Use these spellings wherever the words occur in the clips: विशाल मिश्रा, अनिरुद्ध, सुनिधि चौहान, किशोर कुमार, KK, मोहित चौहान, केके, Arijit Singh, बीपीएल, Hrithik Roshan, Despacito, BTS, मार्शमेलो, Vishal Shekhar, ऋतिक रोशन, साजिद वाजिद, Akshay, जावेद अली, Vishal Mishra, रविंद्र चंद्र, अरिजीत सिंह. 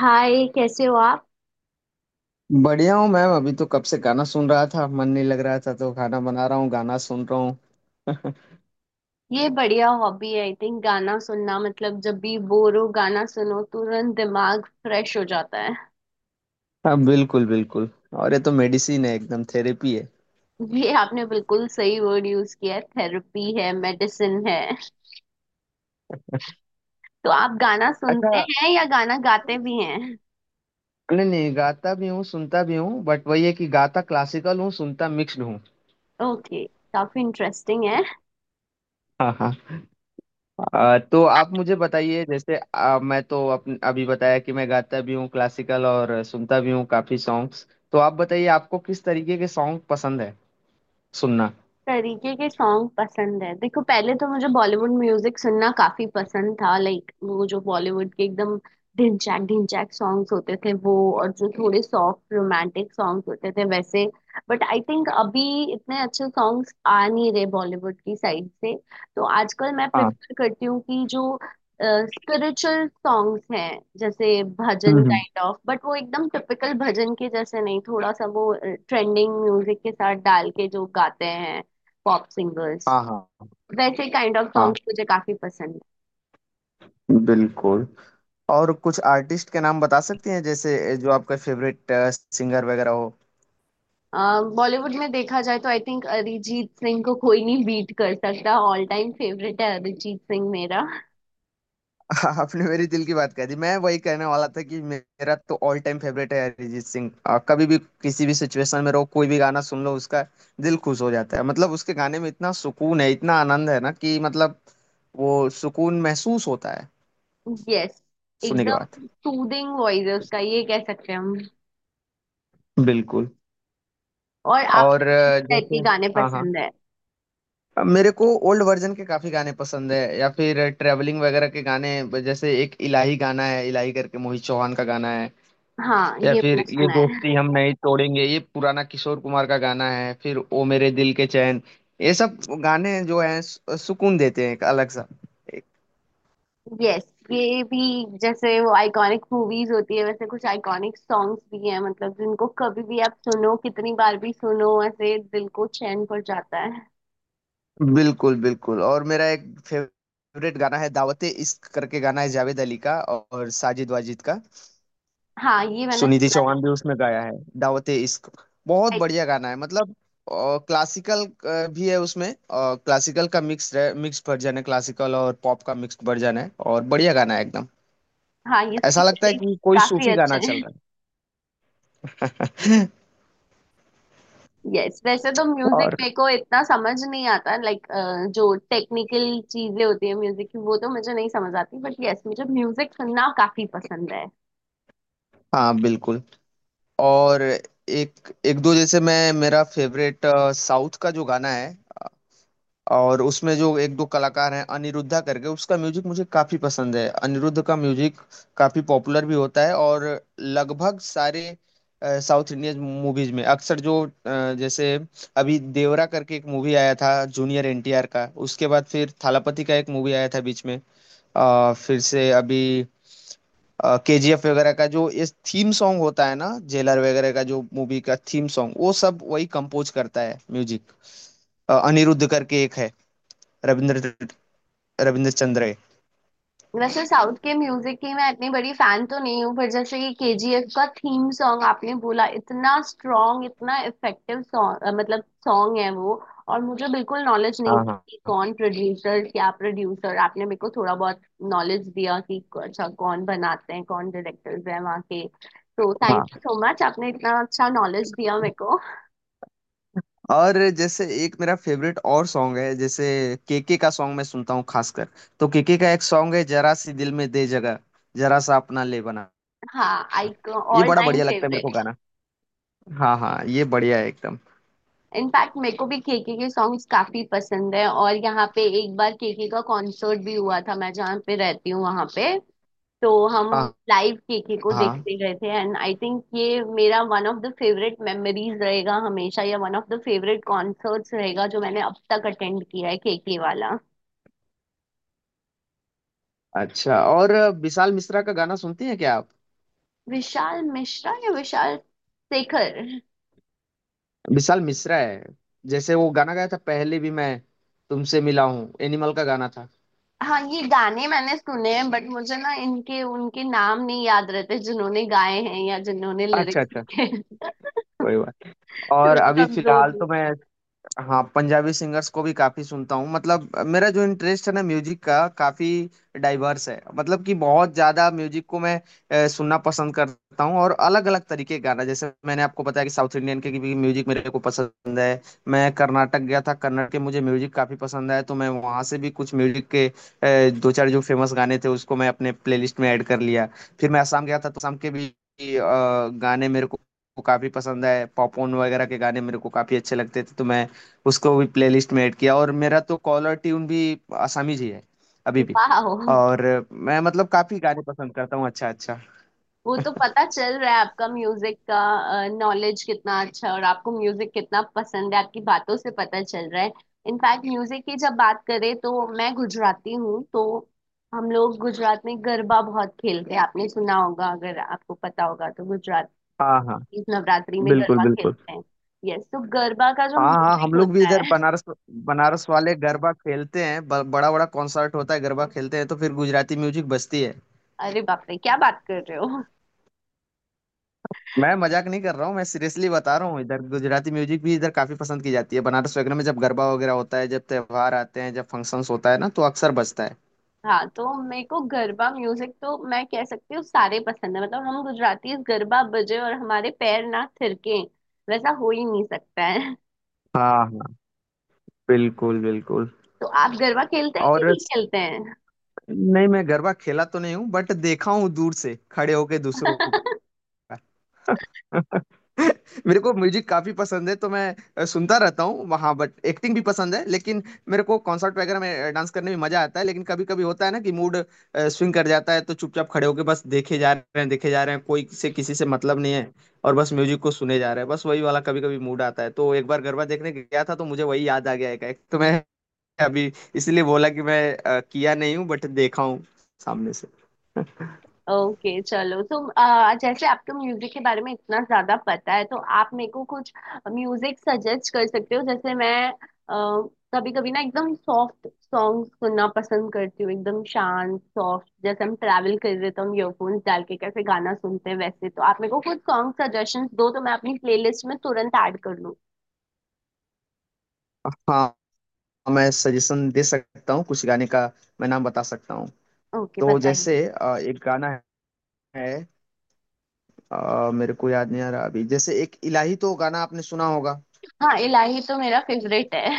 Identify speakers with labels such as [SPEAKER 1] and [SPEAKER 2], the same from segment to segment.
[SPEAKER 1] हाय, कैसे हो आप।
[SPEAKER 2] बढ़िया हूँ मैम। अभी तो कब से गाना सुन रहा था, मन नहीं लग रहा था तो खाना बना रहा हूँ, गाना सुन रहा हूँ।
[SPEAKER 1] ये बढ़िया हॉबी है। आई थिंक गाना सुनना मतलब जब भी बोर हो गाना सुनो तुरंत दिमाग फ्रेश हो जाता है।
[SPEAKER 2] हाँ, बिल्कुल बिल्कुल। और ये तो मेडिसिन है, एकदम थेरेपी है।
[SPEAKER 1] ये आपने बिल्कुल सही वर्ड यूज किया है, थेरेपी है, मेडिसिन है। तो आप गाना
[SPEAKER 2] अच्छा।
[SPEAKER 1] सुनते हैं या गाना गाते भी हैं?
[SPEAKER 2] नहीं नहीं, गाता भी हूँ सुनता भी हूँ, बट वही है कि गाता क्लासिकल हूँ, सुनता मिक्स्ड हूँ।
[SPEAKER 1] ओके। काफी इंटरेस्टिंग है।
[SPEAKER 2] हाँ हाँ। तो आप मुझे बताइए, जैसे मैं तो अपन अभी बताया कि मैं गाता भी हूँ क्लासिकल और सुनता भी हूँ काफी सॉन्ग्स। तो आप बताइए आपको किस तरीके के सॉन्ग पसंद है सुनना।
[SPEAKER 1] तरीके के सॉन्ग पसंद है, देखो पहले तो मुझे बॉलीवुड म्यूजिक सुनना काफी पसंद था, लाइक वो जो बॉलीवुड के एकदम ढिनचैक ढिनचैक सॉन्ग्स होते थे वो, और जो थोड़े सॉफ्ट रोमांटिक सॉन्ग्स होते थे वैसे। बट आई थिंक अभी इतने अच्छे सॉन्ग्स आ नहीं रहे बॉलीवुड की साइड से। तो आजकल मैं
[SPEAKER 2] हाँ।
[SPEAKER 1] प्रेफर करती हूँ कि जो स्पिरिचुअल सॉन्ग्स हैं जैसे
[SPEAKER 2] हम्म
[SPEAKER 1] भजन
[SPEAKER 2] हम्म।
[SPEAKER 1] काइंड ऑफ, बट वो एकदम टिपिकल भजन के जैसे नहीं, थोड़ा सा वो ट्रेंडिंग म्यूजिक के साथ डाल के जो गाते हैं पॉप सिंगर्स,
[SPEAKER 2] हाँ हाँ।
[SPEAKER 1] वैसे काइंड ऑफ
[SPEAKER 2] हाँ,
[SPEAKER 1] सॉन्ग्स मुझे काफी पसंद
[SPEAKER 2] बिल्कुल। और कुछ आर्टिस्ट के नाम बता सकती हैं, जैसे जो आपका फेवरेट सिंगर वगैरह हो।
[SPEAKER 1] है। बॉलीवुड में देखा जाए तो आई थिंक अरिजीत सिंह को कोई नहीं बीट कर सकता। ऑल टाइम फेवरेट है अरिजीत सिंह मेरा।
[SPEAKER 2] आपने मेरे दिल की बात कह दी। मैं वही कहने वाला था कि मेरा तो ऑल टाइम फेवरेट है अरिजीत सिंह। कभी भी किसी भी सिचुएशन में रहो, कोई भी गाना सुन लो उसका, दिल खुश हो जाता है। मतलब उसके गाने में इतना सुकून है, इतना आनंद है ना, कि मतलब वो सुकून महसूस होता है
[SPEAKER 1] यस,
[SPEAKER 2] सुनने के बाद।
[SPEAKER 1] एकदम सूदिंग वॉइस है उसका, ये कह सकते हैं हम।
[SPEAKER 2] बिल्कुल।
[SPEAKER 1] और
[SPEAKER 2] और
[SPEAKER 1] आपको किस टाइप के
[SPEAKER 2] जैसे,
[SPEAKER 1] गाने
[SPEAKER 2] हाँ हाँ,
[SPEAKER 1] पसंद है?
[SPEAKER 2] अब मेरे को ओल्ड वर्जन के काफी गाने पसंद है, या फिर ट्रैवलिंग वगैरह के गाने। जैसे एक इलाही गाना है, इलाही करके मोहित चौहान का गाना है।
[SPEAKER 1] हाँ,
[SPEAKER 2] या
[SPEAKER 1] ये
[SPEAKER 2] फिर
[SPEAKER 1] मैंने
[SPEAKER 2] ये
[SPEAKER 1] सुना है।
[SPEAKER 2] दोस्ती हम नहीं तोड़ेंगे, ये पुराना किशोर कुमार का गाना है। फिर ओ मेरे दिल के चैन। ये सब गाने जो हैं सुकून देते हैं, एक अलग सा। एक-
[SPEAKER 1] यस। ये भी, जैसे वो आइकॉनिक मूवीज होती है वैसे कुछ आइकॉनिक सॉन्ग्स भी हैं, मतलब जिनको कभी भी आप सुनो, कितनी बार भी सुनो, ऐसे दिल को चैन पड़ जाता है।
[SPEAKER 2] बिल्कुल बिल्कुल। और मेरा एक फेवरेट गाना है दावते इश्क करके गाना है, जावेद अली का और साजिद वाजिद का।
[SPEAKER 1] हाँ, ये मैंने
[SPEAKER 2] सुनिधि
[SPEAKER 1] सुना
[SPEAKER 2] चौहान भी उसमें गाया है, दावते इश्क। बहुत
[SPEAKER 1] है।
[SPEAKER 2] बढ़िया गाना है, मतलब क्लासिकल भी है उसमें, क्लासिकल का मिक्स मिक्स वर्जन है, क्लासिकल और पॉप का मिक्स वर्जन है, और बढ़िया गाना है एकदम।
[SPEAKER 1] हाँ, ये इसके
[SPEAKER 2] ऐसा लगता है
[SPEAKER 1] लिरिक्स
[SPEAKER 2] कि कोई
[SPEAKER 1] काफी
[SPEAKER 2] सूफी
[SPEAKER 1] अच्छे
[SPEAKER 2] गाना चल
[SPEAKER 1] हैं।
[SPEAKER 2] रहा है।
[SPEAKER 1] यस, वैसे तो म्यूजिक
[SPEAKER 2] और
[SPEAKER 1] मेरे को इतना समझ नहीं आता, लाइक जो टेक्निकल चीजें होती है म्यूजिक की वो तो मुझे नहीं समझ आती, बट यस, मुझे म्यूजिक सुनना काफी पसंद है।
[SPEAKER 2] हाँ, बिल्कुल। और एक एक दो, जैसे मैं मेरा फेवरेट साउथ का जो गाना है, और उसमें जो एक दो कलाकार हैं अनिरुद्धा करके, उसका म्यूजिक मुझे काफी पसंद है। अनिरुद्ध का म्यूजिक काफी पॉपुलर भी होता है, और लगभग सारे साउथ इंडियन मूवीज में अक्सर जो जैसे अभी देवरा करके एक मूवी आया था जूनियर एनटीआर का, उसके बाद फिर थालापति का एक मूवी आया था बीच में, फिर से अभी केजीएफ वगैरह का जो इस थीम सॉन्ग होता है ना, जेलर वगैरह का जो मूवी का थीम सॉन्ग, वो सब वही कंपोज करता है म्यूजिक। अनिरुद्ध करके एक है, रविंद्र रविंद्र चंद्र है।
[SPEAKER 1] वैसे साउथ के म्यूजिक की मैं इतनी बड़ी फैन तो नहीं हूँ, पर जैसे ये केजीएफ का थीम सॉन्ग आपने बोला, इतना स्ट्रॉन्ग इतना इफेक्टिव सॉन्ग, मतलब सॉन्ग है वो। और मुझे बिल्कुल नॉलेज नहीं
[SPEAKER 2] हाँ
[SPEAKER 1] थी
[SPEAKER 2] हाँ
[SPEAKER 1] कि कौन प्रोड्यूसर क्या प्रोड्यूसर, आपने मेरे को थोड़ा बहुत नॉलेज दिया कि अच्छा कौन बनाते हैं, कौन डायरेक्टर्स हैं वहाँ के। तो थैंक
[SPEAKER 2] हाँ,
[SPEAKER 1] यू सो मच, आपने इतना अच्छा नॉलेज दिया मेरे को।
[SPEAKER 2] और जैसे एक मेरा फेवरेट और सॉन्ग है, जैसे केके का सॉन्ग मैं सुनता हूँ खासकर। तो केके का एक सॉन्ग है, जरा सी दिल में दे जगह, जरा सा अपना ले बना।
[SPEAKER 1] हाँ, आई
[SPEAKER 2] ये
[SPEAKER 1] ऑल
[SPEAKER 2] बड़ा
[SPEAKER 1] टाइम
[SPEAKER 2] बढ़िया लगता है मेरे को
[SPEAKER 1] फेवरेट।
[SPEAKER 2] गाना। हाँ हाँ, ये बढ़िया है एकदम।
[SPEAKER 1] इनफैक्ट मेरे को भी केके के सॉन्ग्स काफी पसंद है, और यहाँ पे एक बार केके का कॉन्सर्ट भी हुआ था, मैं जहाँ पे रहती हूँ वहां पे। तो हम
[SPEAKER 2] हाँ
[SPEAKER 1] लाइव केके को
[SPEAKER 2] हाँ।
[SPEAKER 1] देखते गए थे, एंड आई थिंक ये मेरा one of the favourite memories रहेगा हमेशा, या one of the favourite concerts रहेगा जो मैंने अब तक अटेंड किया है, केके वाला।
[SPEAKER 2] अच्छा, और विशाल मिश्रा का गाना सुनती हैं क्या आप?
[SPEAKER 1] विशाल मिश्रा या विशाल शेखर?
[SPEAKER 2] विशाल मिश्रा है, जैसे वो गाना गाया था पहले भी, मैं तुमसे मिला हूँ, एनिमल का गाना था।
[SPEAKER 1] हाँ, ये गाने मैंने सुने हैं, बट मुझे ना इनके उनके नाम नहीं याद रहते जिन्होंने गाए हैं या जिन्होंने
[SPEAKER 2] अच्छा
[SPEAKER 1] लिरिक्स
[SPEAKER 2] अच्छा,
[SPEAKER 1] लिखे हैं।
[SPEAKER 2] कोई बात। और अभी
[SPEAKER 1] कमजोर
[SPEAKER 2] फिलहाल
[SPEAKER 1] हूँ।
[SPEAKER 2] तो मैं, हाँ, पंजाबी सिंगर्स को भी काफी सुनता हूँ। मतलब मेरा जो इंटरेस्ट है ना म्यूजिक का, काफी डाइवर्स है। मतलब कि बहुत ज्यादा म्यूजिक को मैं सुनना पसंद करता हूँ, और अलग अलग तरीके के गाना, जैसे मैंने आपको बताया कि साउथ इंडियन के भी म्यूजिक मेरे को पसंद है। मैं कर्नाटक गया था, कर्नाटक के मुझे म्यूजिक काफी पसंद है, तो मैं वहाँ से भी कुछ म्यूजिक के दो चार जो फेमस गाने थे उसको मैं अपने प्लेलिस्ट में ऐड कर लिया। फिर मैं असम गया था, तो असम के भी गाने मेरे को काफी पसंद है। पॉपकॉर्न वगैरह के गाने मेरे को काफी अच्छे लगते थे, तो मैं उसको भी प्लेलिस्ट में ऐड किया। और मेरा तो कॉलर ट्यून भी आसामीज ही है अभी भी।
[SPEAKER 1] वाह।
[SPEAKER 2] और मैं मतलब काफी गाने पसंद करता हूँ। अच्छा अच्छा।
[SPEAKER 1] वो तो पता चल रहा है, आपका म्यूजिक का नॉलेज कितना अच्छा है और आपको म्यूजिक कितना पसंद है, आपकी बातों से पता चल रहा है। इनफैक्ट म्यूजिक की जब बात करें, तो मैं गुजराती हूँ तो हम लोग गुजरात में गरबा बहुत खेलते हैं, आपने सुना होगा अगर आपको पता होगा। तो गुजरात
[SPEAKER 2] हाँ हाँ।
[SPEAKER 1] इस नवरात्रि में
[SPEAKER 2] बिल्कुल
[SPEAKER 1] गरबा
[SPEAKER 2] बिल्कुल
[SPEAKER 1] खेलते हैं। यस, तो गरबा का जो
[SPEAKER 2] हाँ हाँ, हम
[SPEAKER 1] म्यूजिक
[SPEAKER 2] लोग भी
[SPEAKER 1] होता
[SPEAKER 2] इधर
[SPEAKER 1] है।
[SPEAKER 2] बनारस, बनारस वाले गरबा खेलते हैं। बड़ा बड़ा कॉन्सर्ट होता है, गरबा खेलते हैं तो फिर गुजराती म्यूजिक बजती है।
[SPEAKER 1] अरे बाप रे, क्या बात कर रहे हो।
[SPEAKER 2] मैं मजाक नहीं कर रहा हूँ, मैं सीरियसली बता रहा हूँ, इधर गुजराती म्यूजिक भी इधर काफी पसंद की जाती है। बनारस वगैरह में जब गरबा वगैरह होता है, जब त्योहार आते हैं, जब फंक्शंस होता है ना, तो अक्सर बजता है।
[SPEAKER 1] हाँ, तो मेरे को गरबा म्यूजिक तो मैं कह सकती हूँ सारे पसंद है, मतलब हम गुजराती गरबा बजे और हमारे पैर ना थिरके, वैसा हो ही नहीं सकता है।
[SPEAKER 2] हाँ हाँ, बिल्कुल बिल्कुल।
[SPEAKER 1] तो आप गरबा खेलते हैं कि
[SPEAKER 2] और
[SPEAKER 1] नहीं खेलते हैं?
[SPEAKER 2] नहीं, मैं गरबा खेला तो नहीं हूँ, बट देखा हूँ दूर से खड़े होके दूसरों का। मेरे को म्यूजिक काफी पसंद है, तो मैं सुनता रहता हूँ वहाँ, बट एक्टिंग भी पसंद है। लेकिन मेरे को कॉन्सर्ट वगैरह में डांस करने में मजा आता है, लेकिन कभी कभी होता है ना कि मूड स्विंग कर जाता है, तो चुपचाप खड़े होके बस देखे जा रहे हैं, देखे जा रहे हैं, कोई से किसी से मतलब नहीं है, और बस म्यूजिक को सुने जा रहे हैं, बस वही वाला कभी कभी मूड आता है। तो एक बार गरबा देखने गया था तो मुझे वही याद आ गया एक एक, तो मैं अभी इसलिए बोला कि मैं किया नहीं हूँ बट देखा हूँ सामने से।
[SPEAKER 1] ओके चलो, तो जैसे आपको म्यूजिक के बारे में इतना ज्यादा पता है, तो आप मेरे को कुछ म्यूजिक सजेस्ट कर सकते हो। जैसे मैं कभी कभी ना एकदम सॉफ्ट सॉन्ग सुनना पसंद करती हूँ, एकदम शांत सॉफ्ट, जैसे हम ट्रैवल कर रहे तो हम ईयरफोन्स डाल के कैसे गाना सुनते हैं वैसे। तो आप मेरे को कुछ सॉन्ग सजेशंस दो तो मैं अपनी प्लेलिस्ट में तुरंत ऐड कर लूँ।
[SPEAKER 2] हाँ, मैं सजेशन दे सकता हूँ कुछ गाने का, मैं नाम बता सकता हूँ।
[SPEAKER 1] ओके,
[SPEAKER 2] तो जैसे
[SPEAKER 1] बताइए।
[SPEAKER 2] एक गाना है, मेरे को याद नहीं आ रहा अभी। जैसे एक इलाही तो गाना आपने सुना होगा।
[SPEAKER 1] हाँ, इलाही तो मेरा फेवरेट है।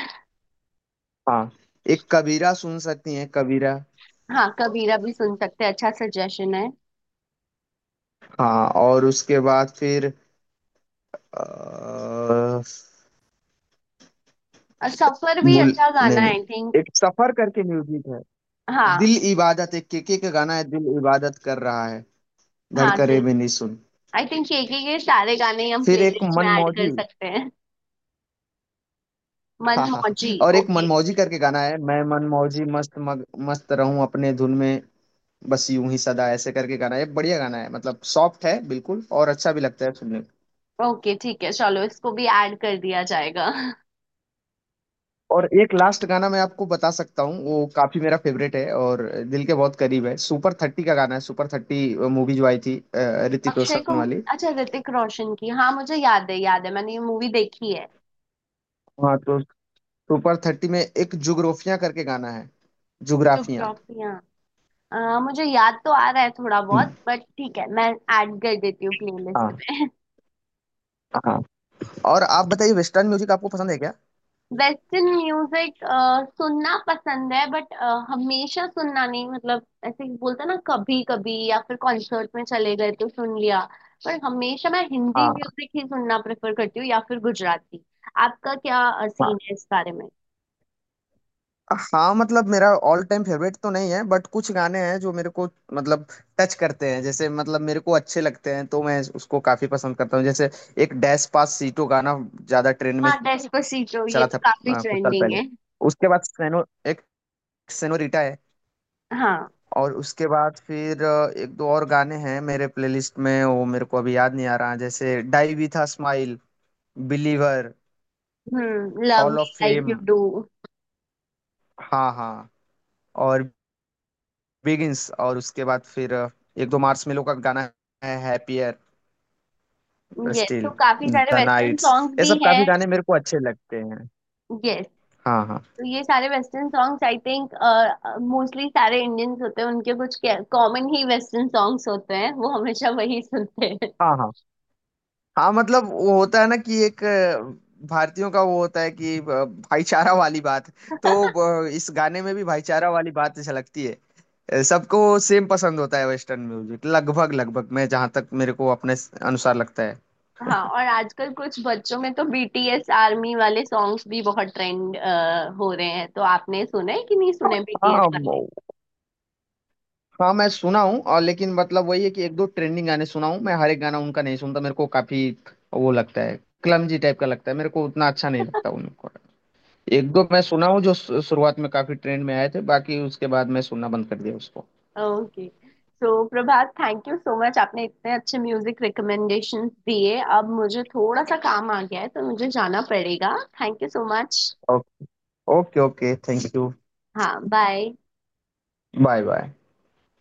[SPEAKER 2] हाँ। एक कबीरा, सुन सकती हैं कबीरा।
[SPEAKER 1] हाँ, कबीरा भी सुन सकते हैं, अच्छा सजेशन है।
[SPEAKER 2] हाँ, और उसके बाद फिर अ,
[SPEAKER 1] और सफर भी
[SPEAKER 2] गुल,
[SPEAKER 1] अच्छा गाना
[SPEAKER 2] नहीं
[SPEAKER 1] है आई थिंक।
[SPEAKER 2] नहीं एक सफर करके म्यूजिक है।
[SPEAKER 1] हाँ
[SPEAKER 2] दिल इबादत, एक केके का गाना है, दिल इबादत कर रहा है,
[SPEAKER 1] हाँ,
[SPEAKER 2] धड़करे
[SPEAKER 1] दिल।
[SPEAKER 2] भी नहीं सुन।
[SPEAKER 1] आई थिंक ये सारे गाने हम
[SPEAKER 2] फिर एक
[SPEAKER 1] प्लेलिस्ट में ऐड कर
[SPEAKER 2] मनमौजी।
[SPEAKER 1] सकते हैं। मन
[SPEAKER 2] हाँ हाँ
[SPEAKER 1] मौजी।
[SPEAKER 2] हाँ। और एक
[SPEAKER 1] ओके।
[SPEAKER 2] मनमौजी करके गाना है, मैं मनमौजी मस्त मस्त रहूं अपने धुन में, बस यूं ही सदा ऐसे करके गाना है। ये बढ़िया गाना है, मतलब सॉफ्ट है बिल्कुल और अच्छा भी लगता है सुनने में।
[SPEAKER 1] ओके ठीक है, चलो इसको भी ऐड कर दिया जाएगा।
[SPEAKER 2] और एक लास्ट गाना मैं आपको बता सकता हूँ, वो काफी मेरा फेवरेट है और दिल के बहुत करीब है। सुपर थर्टी का गाना है, सुपर थर्टी मूवी जो आई थी ऋतिक
[SPEAKER 1] अक्षय को?
[SPEAKER 2] रोशन वाली।
[SPEAKER 1] अच्छा, ऋतिक रोशन की, हाँ मुझे याद है, याद है मैंने ये मूवी देखी है।
[SPEAKER 2] हाँ, तो सुपर थर्टी में एक जुग्राफिया करके गाना है, जुग्राफिया।
[SPEAKER 1] जुग्राफिया। मुझे याद तो आ रहा है थोड़ा बहुत, बट ठीक है, मैं ऐड कर देती हूँ प्लेलिस्ट
[SPEAKER 2] हाँ
[SPEAKER 1] पे।
[SPEAKER 2] हाँ। और आप बताइए, वेस्टर्न म्यूजिक आपको पसंद है क्या?
[SPEAKER 1] वेस्टर्न म्यूजिक सुनना पसंद है, बट हमेशा सुनना नहीं, मतलब ऐसे ही बोलते हैं ना कभी कभी, या फिर कॉन्सर्ट में चले गए तो सुन लिया। पर हमेशा मैं हिंदी
[SPEAKER 2] हाँ,
[SPEAKER 1] म्यूजिक ही सुनना प्रेफर करती हूँ, या फिर गुजराती। आपका क्या सीन है इस बारे में?
[SPEAKER 2] हाँ मतलब, मेरा ऑल टाइम फेवरेट तो नहीं है बट कुछ गाने हैं जो मेरे को मतलब टच करते हैं, जैसे मतलब मेरे को अच्छे लगते हैं, तो मैं उसको काफी पसंद करता हूँ। जैसे एक डैश पास सीटो गाना ज्यादा ट्रेंड में
[SPEAKER 1] हाँ, डेस्पासिटो ये
[SPEAKER 2] चला था
[SPEAKER 1] तो काफी
[SPEAKER 2] कुछ साल
[SPEAKER 1] ट्रेंडिंग
[SPEAKER 2] पहले।
[SPEAKER 1] है।
[SPEAKER 2] उसके बाद सेनो, एक सेनोरिटा है।
[SPEAKER 1] हाँ।
[SPEAKER 2] और उसके बाद फिर एक दो और गाने हैं मेरे प्लेलिस्ट में, वो मेरे को अभी याद नहीं आ रहा। जैसे die with a smile, believer,
[SPEAKER 1] hmm, love
[SPEAKER 2] hall
[SPEAKER 1] me
[SPEAKER 2] of
[SPEAKER 1] like you
[SPEAKER 2] fame.
[SPEAKER 1] Do.
[SPEAKER 2] हाँ हाँ। और बिगिंस, और उसके बाद फिर एक दो मार्शमेलो का गाना है, हैप्पियर,
[SPEAKER 1] यस, तो
[SPEAKER 2] स्टिल,
[SPEAKER 1] काफी सारे
[SPEAKER 2] द
[SPEAKER 1] वेस्टर्न
[SPEAKER 2] नाइट्स।
[SPEAKER 1] सॉन्ग्स
[SPEAKER 2] ये
[SPEAKER 1] भी
[SPEAKER 2] सब काफी
[SPEAKER 1] हैं।
[SPEAKER 2] गाने मेरे को अच्छे लगते हैं।
[SPEAKER 1] यस,
[SPEAKER 2] हाँ हाँ।
[SPEAKER 1] तो ये सारे western songs I think mostly सारे इंडियंस होते हैं उनके, कुछ कॉमन ही वेस्टर्न सॉन्ग्स होते हैं वो हमेशा वही सुनते हैं।
[SPEAKER 2] हाँ हाँ। हाँ मतलब, वो होता है ना कि एक भारतीयों का वो होता है कि भाईचारा वाली बात, तो इस गाने में भी भाईचारा वाली बात झलकती है। सबको सेम पसंद होता है वेस्टर्न म्यूजिक, लगभग लगभग, मैं जहाँ तक मेरे को अपने अनुसार लगता है।
[SPEAKER 1] हाँ, और आजकल कुछ बच्चों में तो बीटीएस आर्मी वाले सॉन्ग्स भी बहुत ट्रेंड हो रहे हैं, तो आपने सुने कि नहीं सुने बीटीएस
[SPEAKER 2] हाँ,
[SPEAKER 1] वाले?
[SPEAKER 2] हाँ मैं सुना हूँ, और लेकिन मतलब वही है कि एक दो ट्रेंडिंग गाने सुना हूँ मैं, हर एक गाना उनका नहीं सुनता। मेरे को काफी वो लगता है, क्लमजी टाइप का लगता है मेरे को, उतना अच्छा नहीं लगता उनको। एक दो मैं सुना हूँ जो शुरुआत में काफी ट्रेंड में आए थे, बाकी उसके बाद मैं सुनना बंद कर दिया उसको।
[SPEAKER 1] Okay. So Prabhat, thank you so much, आपने इतने अच्छे म्यूजिक रिकमेंडेशंस दिए। अब मुझे थोड़ा सा काम आ गया है तो मुझे जाना पड़ेगा। Thank you so much.
[SPEAKER 2] Okay okay, thank you.
[SPEAKER 1] हाँ, बाय।
[SPEAKER 2] Bye bye.